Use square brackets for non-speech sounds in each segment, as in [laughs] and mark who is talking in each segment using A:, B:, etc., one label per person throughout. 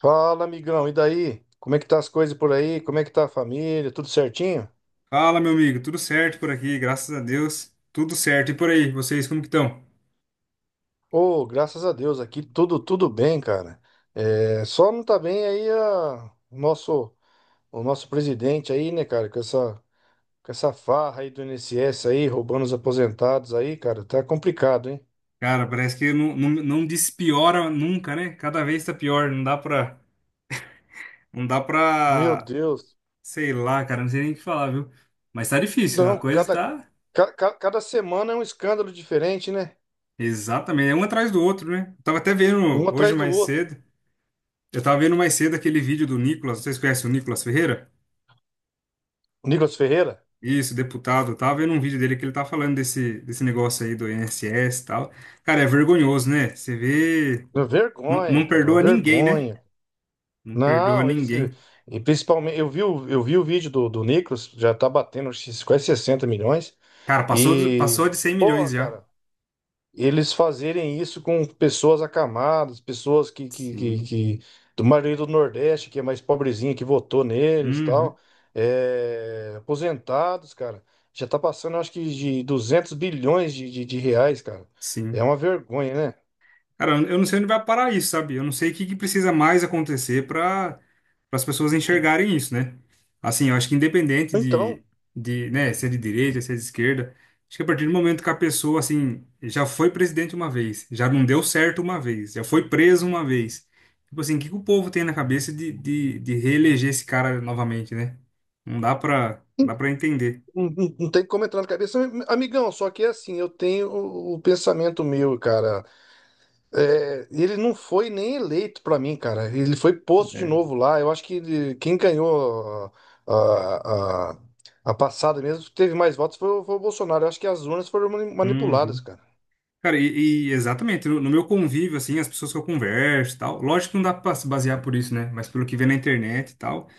A: Fala, amigão, e daí? Como é que tá as coisas por aí? Como é que tá a família? Tudo certinho?
B: Fala, meu amigo, tudo certo por aqui, graças a Deus, tudo certo. E por aí, vocês como que estão?
A: Ô, graças a Deus, aqui tudo bem, cara. É, só não tá bem aí o nosso presidente aí, né, cara, com essa farra aí do INSS aí, roubando os aposentados aí, cara, tá complicado, hein?
B: Cara, parece que não despiora nunca, né? Cada vez tá pior, não dá pra, não dá
A: Meu
B: pra,
A: Deus.
B: sei lá, cara, não sei nem o que falar, viu? Mas tá difícil, a
A: Não,
B: coisa
A: cada
B: tá
A: ca- ca- cada semana é um escândalo diferente, né?
B: exatamente, é um atrás do outro, né?
A: Um atrás do outro.
B: Eu tava vendo mais cedo aquele vídeo do Nicolas, vocês conhecem o Nicolas Ferreira?
A: Nicolas Ferreira.
B: Isso, deputado. Eu tava vendo um vídeo dele que ele tá falando desse negócio aí do INSS e tal. Cara, é vergonhoso, né? Você vê.
A: Uma
B: Não,
A: vergonha,
B: não
A: cara, uma
B: perdoa ninguém, né?
A: vergonha.
B: Não perdoa
A: Não, eles.
B: ninguém.
A: E principalmente, eu vi, eu vi o vídeo do Nicolas, já tá batendo acho que quase 60 milhões.
B: Cara, passou,
A: E,
B: passou de 100 milhões
A: porra,
B: já.
A: cara, eles fazerem isso com pessoas acamadas, pessoas
B: Sim.
A: do maioria do Nordeste, que é mais pobrezinha, que votou neles e
B: Uhum.
A: tal. É, aposentados, cara. Já tá passando, acho que, de 200 bilhões de reais, cara. É
B: Sim.
A: uma vergonha, né?
B: Cara, eu não sei onde vai parar isso, sabe? Eu não sei o que que precisa mais acontecer para as pessoas enxergarem isso, né? Assim, eu acho que independente
A: Então.
B: de, de, né, se é de direita, se é de esquerda, acho que a partir do momento que a pessoa, assim, já foi presidente uma vez, já não deu certo uma vez, já foi preso uma vez. Tipo assim, o que que o povo tem na cabeça de reeleger esse cara novamente, né? Não dá pra entender.
A: Não, não tem como entrar na cabeça, amigão. Só que é assim, eu tenho o pensamento meu, cara. É, ele não foi nem eleito pra mim, cara. Ele foi posto de
B: É.
A: novo lá. Eu acho que quem ganhou a, a, a- a passada mesmo, teve mais votos, foi o Bolsonaro. Eu acho que as urnas foram manipuladas,
B: Uhum.
A: cara.
B: Cara, e exatamente, no meu convívio, assim, as pessoas que eu converso e tal, lógico que não dá pra se basear por isso, né? Mas pelo que vê na internet e tal,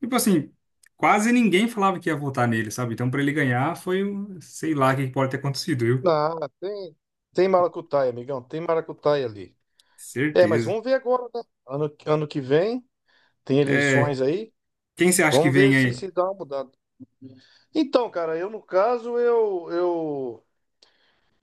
B: tipo assim, quase ninguém falava que ia votar nele, sabe? Então, pra ele ganhar, foi, sei lá, o que que pode ter acontecido, viu?
A: Ah, tem, tem maracutaia, amigão. Tem maracutaia ali. É, mas
B: Certeza.
A: vamos ver agora, né? Ano que vem, tem
B: É,
A: eleições aí.
B: quem você acha que
A: Vamos ver
B: vem
A: se
B: aí?
A: se dá uma mudada. Então, cara, eu no caso, eu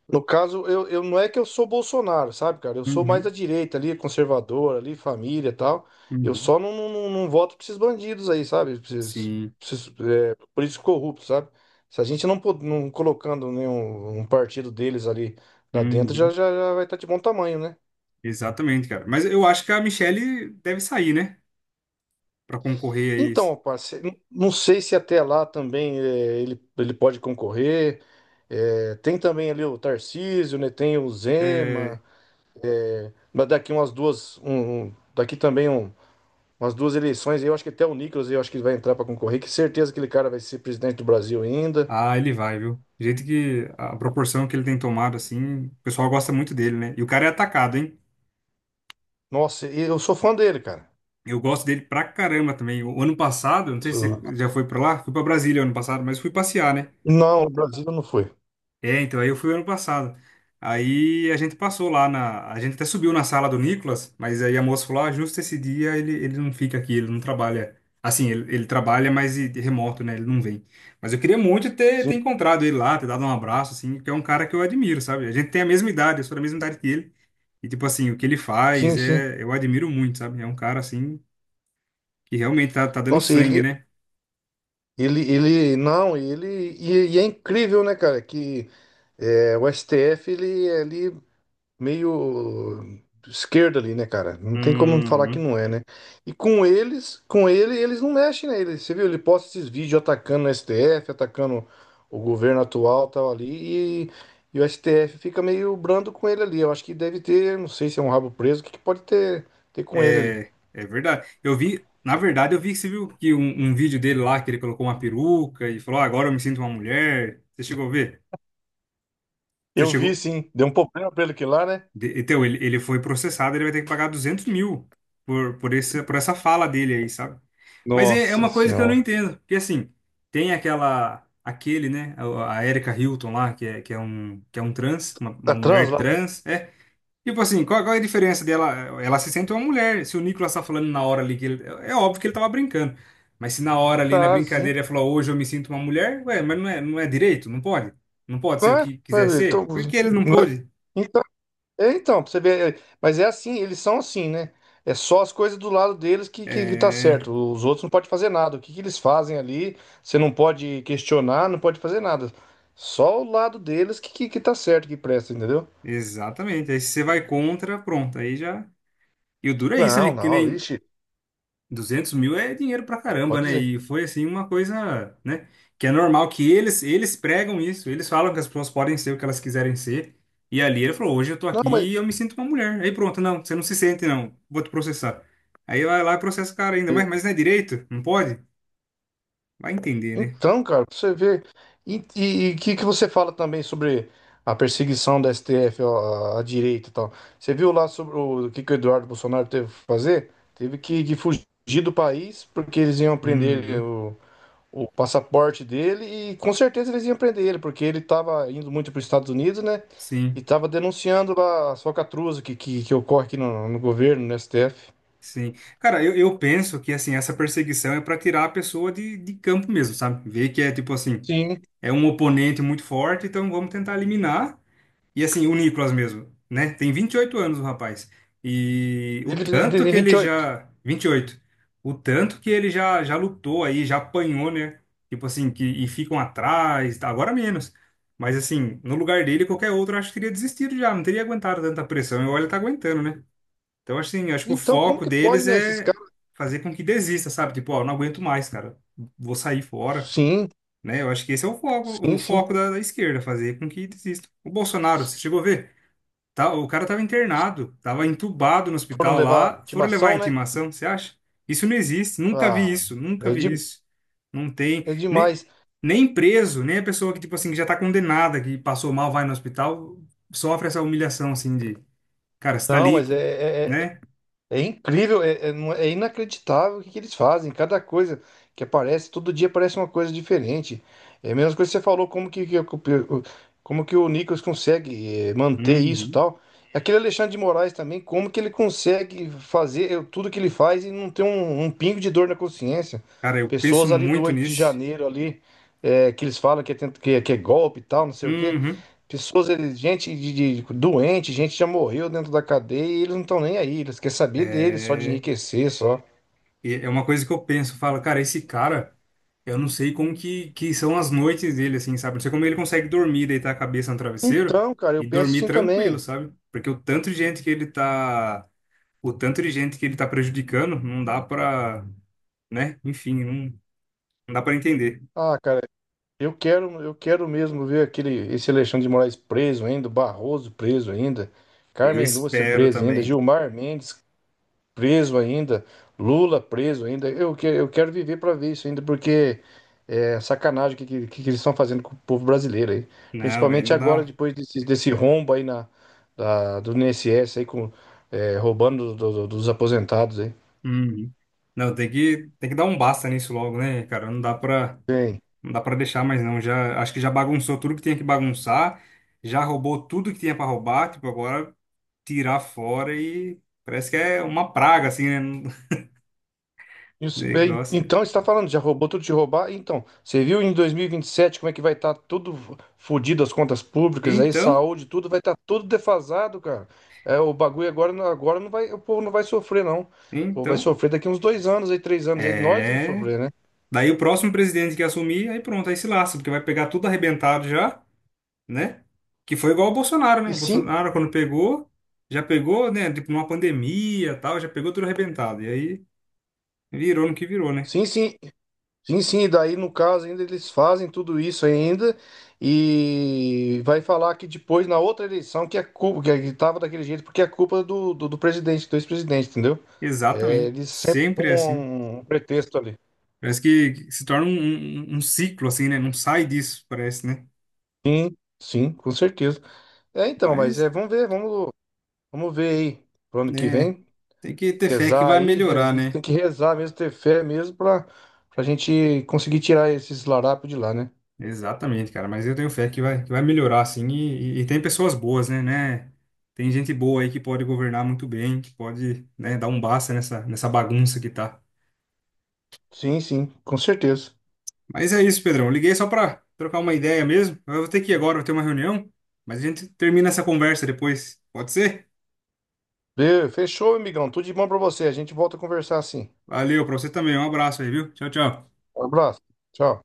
A: no caso, eu não é que eu sou Bolsonaro, sabe, cara? Eu sou mais
B: Uhum,
A: da direita ali, conservador ali, família e tal. Eu
B: uhum.
A: só não voto pra esses bandidos aí, sabe? Pra esses-
B: Sim,
A: pra esses, políticos corruptos, sabe? Se a gente não, não colocando nenhum um partido deles ali lá dentro, já,
B: uhum.
A: já, já vai estar de bom tamanho, né?
B: Exatamente, cara. Mas eu acho que a Michelle deve sair, né? Pra concorrer aí.
A: Então, rapaz, não sei se até lá também ele pode concorrer. É, tem também ali o Tarcísio, né? Tem o
B: É.
A: Zema. Mas daqui umas duas, um- daqui também um, umas duas eleições, eu acho que até o Nicolas, eu acho que ele vai entrar para concorrer, que certeza que aquele cara vai ser presidente do Brasil ainda.
B: Ah, ele vai, viu? Do jeito que a proporção que ele tem tomado, assim, o pessoal gosta muito dele, né? E o cara é atacado, hein?
A: Nossa, e eu sou fã dele, cara.
B: Eu gosto dele pra caramba também. O ano passado, não sei se
A: Sou-
B: você já foi pra lá, fui pra Brasília ano passado, mas fui passear, né?
A: Não, o Brasil não foi.
B: É, então, aí eu fui ano passado. Aí a gente passou lá na. A gente até subiu na sala do Nicolas, mas aí a moça falou: ah, justo esse dia ele não fica aqui, ele não trabalha. Assim, ele trabalha, mas de remoto, né? Ele não vem. Mas eu queria muito ter
A: Sim,
B: encontrado ele lá, ter dado um abraço, assim, porque é um cara que eu admiro, sabe? A gente tem a mesma idade, eu sou da mesma idade que ele. E, tipo assim, o que ele faz
A: sim, sim.
B: é. Eu admiro muito, sabe? É um cara, assim, que realmente tá dando
A: Nossa,
B: sangue, né?
A: não, ele, e é incrível, né, cara, que o STF, ele meio esquerda ali, né, cara? Não tem como falar que
B: Uhum.
A: não é, né? E com eles, com ele, eles não mexem nele. Você viu? Ele posta esses vídeos atacando o STF, atacando o governo atual, tal ali, e o STF fica meio brando com ele ali. Eu acho que deve ter, não sei se é um rabo preso, o que que pode ter com ele ali.
B: É, é verdade. Eu vi, na verdade, eu vi que você viu que um vídeo dele lá que ele colocou uma peruca e falou, "Ah, agora eu me sinto uma mulher." Você chegou a ver? Você
A: Eu vi,
B: chegou.
A: sim. Deu um problema pra ele aqui lá, né?
B: Então, ele foi processado, ele vai ter que pagar 200 mil por essa fala dele aí, sabe? Mas é, é
A: Nossa
B: uma coisa que eu não
A: senhora.
B: entendo. Porque assim, tem aquela. Aquele, né? A Erika Hilton lá, que é um trans,
A: Tá
B: uma
A: trans
B: mulher
A: lá, né?
B: trans. É. Tipo assim, qual é a diferença dela? Ela se sente uma mulher. Se o Nicolas tá falando na hora ali que ele, é óbvio que ele tava brincando. Mas se na hora ali na
A: Tá, sim.
B: brincadeira ele falou, hoje eu me sinto uma mulher, ué, mas não é, não é direito, não pode. Não pode ser o
A: Ah,
B: que
A: vai
B: quiser
A: ver. Então.
B: ser. Por que ele não pôde?
A: É, então, pra você ver, mas é assim, eles são assim, né? É só as coisas do lado deles que tá
B: É,
A: certo. Os outros não podem fazer nada. O que que eles fazem ali, você não pode questionar, não pode fazer nada. Só o lado deles que tá certo, que presta, entendeu?
B: exatamente. Aí se você vai contra, pronto, aí já. E o duro é isso, né?
A: Não,
B: Que
A: não,
B: nem
A: ixi,
B: 200 mil é dinheiro pra caramba,
A: pode
B: né?
A: dizer.
B: E foi assim uma coisa, né? Que é normal que eles pregam isso, eles falam que as pessoas podem ser o que elas quiserem ser. E ali ele falou: hoje eu tô
A: Não, mas,
B: aqui e eu me sinto uma mulher. Aí pronto, não, você não se sente, não, vou te processar. Aí vai lá e processa o cara ainda, mas não é direito? Não pode? Vai entender, né?
A: então, cara, pra você ver. E o que que você fala também sobre a perseguição da STF ó, à direita e tal? Você viu lá sobre que o Eduardo Bolsonaro teve que fazer? Teve que fugir do país porque eles iam prender
B: Uhum.
A: o passaporte dele e com certeza eles iam prender ele, porque ele estava indo muito para os Estados Unidos, né? E
B: Sim,
A: estava denunciando lá as falcatruas que ocorre aqui no governo, no STF.
B: sim. Cara, eu penso que assim, essa perseguição é pra tirar a pessoa de campo mesmo, sabe? Ver que é tipo assim,
A: Sim,
B: é um oponente muito forte, então vamos tentar eliminar. E assim, o Nicolas mesmo, né? Tem 28 anos o rapaz. E o
A: ele
B: tanto
A: tem
B: que
A: vinte
B: ele
A: e oito.
B: já. 28. O tanto que ele já lutou aí, já apanhou, né? Tipo assim, que, e ficam atrás, tá? Agora menos. Mas assim, no lugar dele, qualquer outro, eu acho que teria desistido já, não teria aguentado tanta pressão. E olha, tá aguentando, né? Então, assim, acho que o
A: Então, como
B: foco
A: que pode,
B: deles
A: né? Esses
B: é
A: caras.
B: fazer com que desista, sabe? Tipo, ó, não aguento mais, cara. Vou sair fora,
A: Sim,
B: né? Eu acho que esse é o
A: sim, sim.
B: foco da esquerda, fazer com que desista. O Bolsonaro, você chegou a ver? O cara tava
A: Se
B: internado, tava entubado no
A: for
B: hospital
A: levar a
B: lá, foram levar a
A: intimação, né?
B: intimação, você acha? Isso não existe, nunca vi
A: Ah,
B: isso, nunca
A: é,
B: vi
A: de,
B: isso. Não tem,
A: é
B: nem,
A: demais.
B: nem preso, nem a pessoa que, tipo assim, que já tá condenada, que passou mal, vai no hospital, sofre essa humilhação, assim, de, cara, você tá
A: Não,
B: ali,
A: mas
B: co-
A: é, é- é
B: né?
A: É incrível, é inacreditável o que que eles fazem. Cada coisa que aparece, todo dia aparece uma coisa diferente. É a mesma coisa que você falou, como que o Nicolas consegue manter isso e
B: Uhum.
A: tal. Aquele Alexandre de Moraes também, como que ele consegue fazer tudo que ele faz e não ter um pingo de dor na consciência.
B: Cara, eu penso
A: Pessoas ali do
B: muito
A: 8 de
B: nisso.
A: janeiro ali, que eles falam que é, tenta- que é golpe e tal, não sei o quê.
B: Uhum.
A: Gente doente, gente já morreu dentro da cadeia e eles não estão nem aí, eles querem saber deles, só de
B: É.
A: enriquecer, só.
B: E é uma coisa que eu penso, falo, cara, esse cara, eu não sei como que são as noites dele, assim, sabe? Não sei como ele consegue dormir, deitar a cabeça no travesseiro
A: Então, cara,
B: e
A: eu penso
B: dormir
A: assim
B: tranquilo,
A: também.
B: sabe? Porque o tanto de gente que ele tá, o tanto de gente que ele tá prejudicando, não dá pra, né? Enfim, não, não dá pra entender.
A: Ah, cara, eu quero mesmo ver aquele, esse Alexandre de Moraes preso ainda, o Barroso preso ainda,
B: Eu
A: Carmen Lúcia
B: espero
A: preso ainda,
B: também.
A: Gilmar Mendes, preso ainda, Lula preso ainda. Eu quero viver para ver isso ainda, porque é sacanagem o que eles estão fazendo com o povo brasileiro aí.
B: Não, velho,
A: Principalmente
B: não
A: agora,
B: dá.
A: depois desse rombo aí do INSS aí, roubando dos aposentados aí.
B: Uhum. Não, tem que dar um basta nisso logo, né, cara? Não dá pra
A: Tem.
B: não dá pra deixar mais não. Já, acho que já bagunçou tudo que tinha que bagunçar, já roubou tudo que tinha pra roubar, tipo, agora tirar fora e parece que é uma praga assim, né? [laughs]
A: Isso- é, en-
B: Negócio. Né?
A: Então, você está falando, já roubou tudo de roubar? Então, você viu em dois mil e vinte e sete como é que vai estar tudo fodido, as contas públicas, aí
B: Então,
A: saúde, tudo vai estar tudo defasado, cara. É, o bagulho agora, agora não vai, o povo não vai sofrer, não. O povo vai
B: então,
A: sofrer daqui uns 2 anos, aí 3 anos, aí nós vamos
B: é,
A: sofrer, né?
B: daí o próximo presidente que assumir, aí pronto, aí se lasca, porque vai pegar tudo arrebentado já, né? Que foi igual o Bolsonaro,
A: E
B: né? O
A: sim,
B: Bolsonaro quando pegou, já pegou, né, tipo numa pandemia, tal, já pegou tudo arrebentado. E aí virou no que virou, né?
A: sim, sim. Sim, sim, daí no caso ainda eles fazem tudo isso ainda e vai falar que depois na outra eleição que a culpa que estava daquele jeito porque é culpa do presidente, do ex-presidente, entendeu? É,
B: Exatamente.
A: eles sempre
B: Sempre é
A: arrumam
B: assim.
A: um pretexto ali.
B: Parece que se torna um ciclo, assim, né? Não sai disso, parece, né?
A: Sim, sim, com certeza. É então, mas
B: Mas,
A: vamos ver, vamos ver aí pro ano que
B: né,
A: vem,
B: tem que ter fé que
A: rezar
B: vai
A: aí,
B: melhorar,
A: isso
B: né?
A: tem que rezar mesmo, ter fé mesmo para a gente conseguir tirar esses larápios de lá, né?
B: Exatamente, cara. Mas eu tenho fé que vai melhorar, assim. E tem pessoas boas, né, né? Tem gente boa aí que pode governar muito bem, que pode, né, dar um basta nessa, nessa bagunça que tá.
A: Sim, sim, com certeza.
B: Mas é isso, Pedrão. Eu liguei só pra trocar uma ideia mesmo. Eu vou ter que ir agora, vou ter uma reunião. Mas a gente termina essa conversa depois. Pode ser?
A: Be, Fechou, amigão. Tudo de bom pra você. A gente volta a conversar assim.
B: Valeu, pra você também. Um abraço aí, viu? Tchau, tchau.
A: Um abraço. Tchau.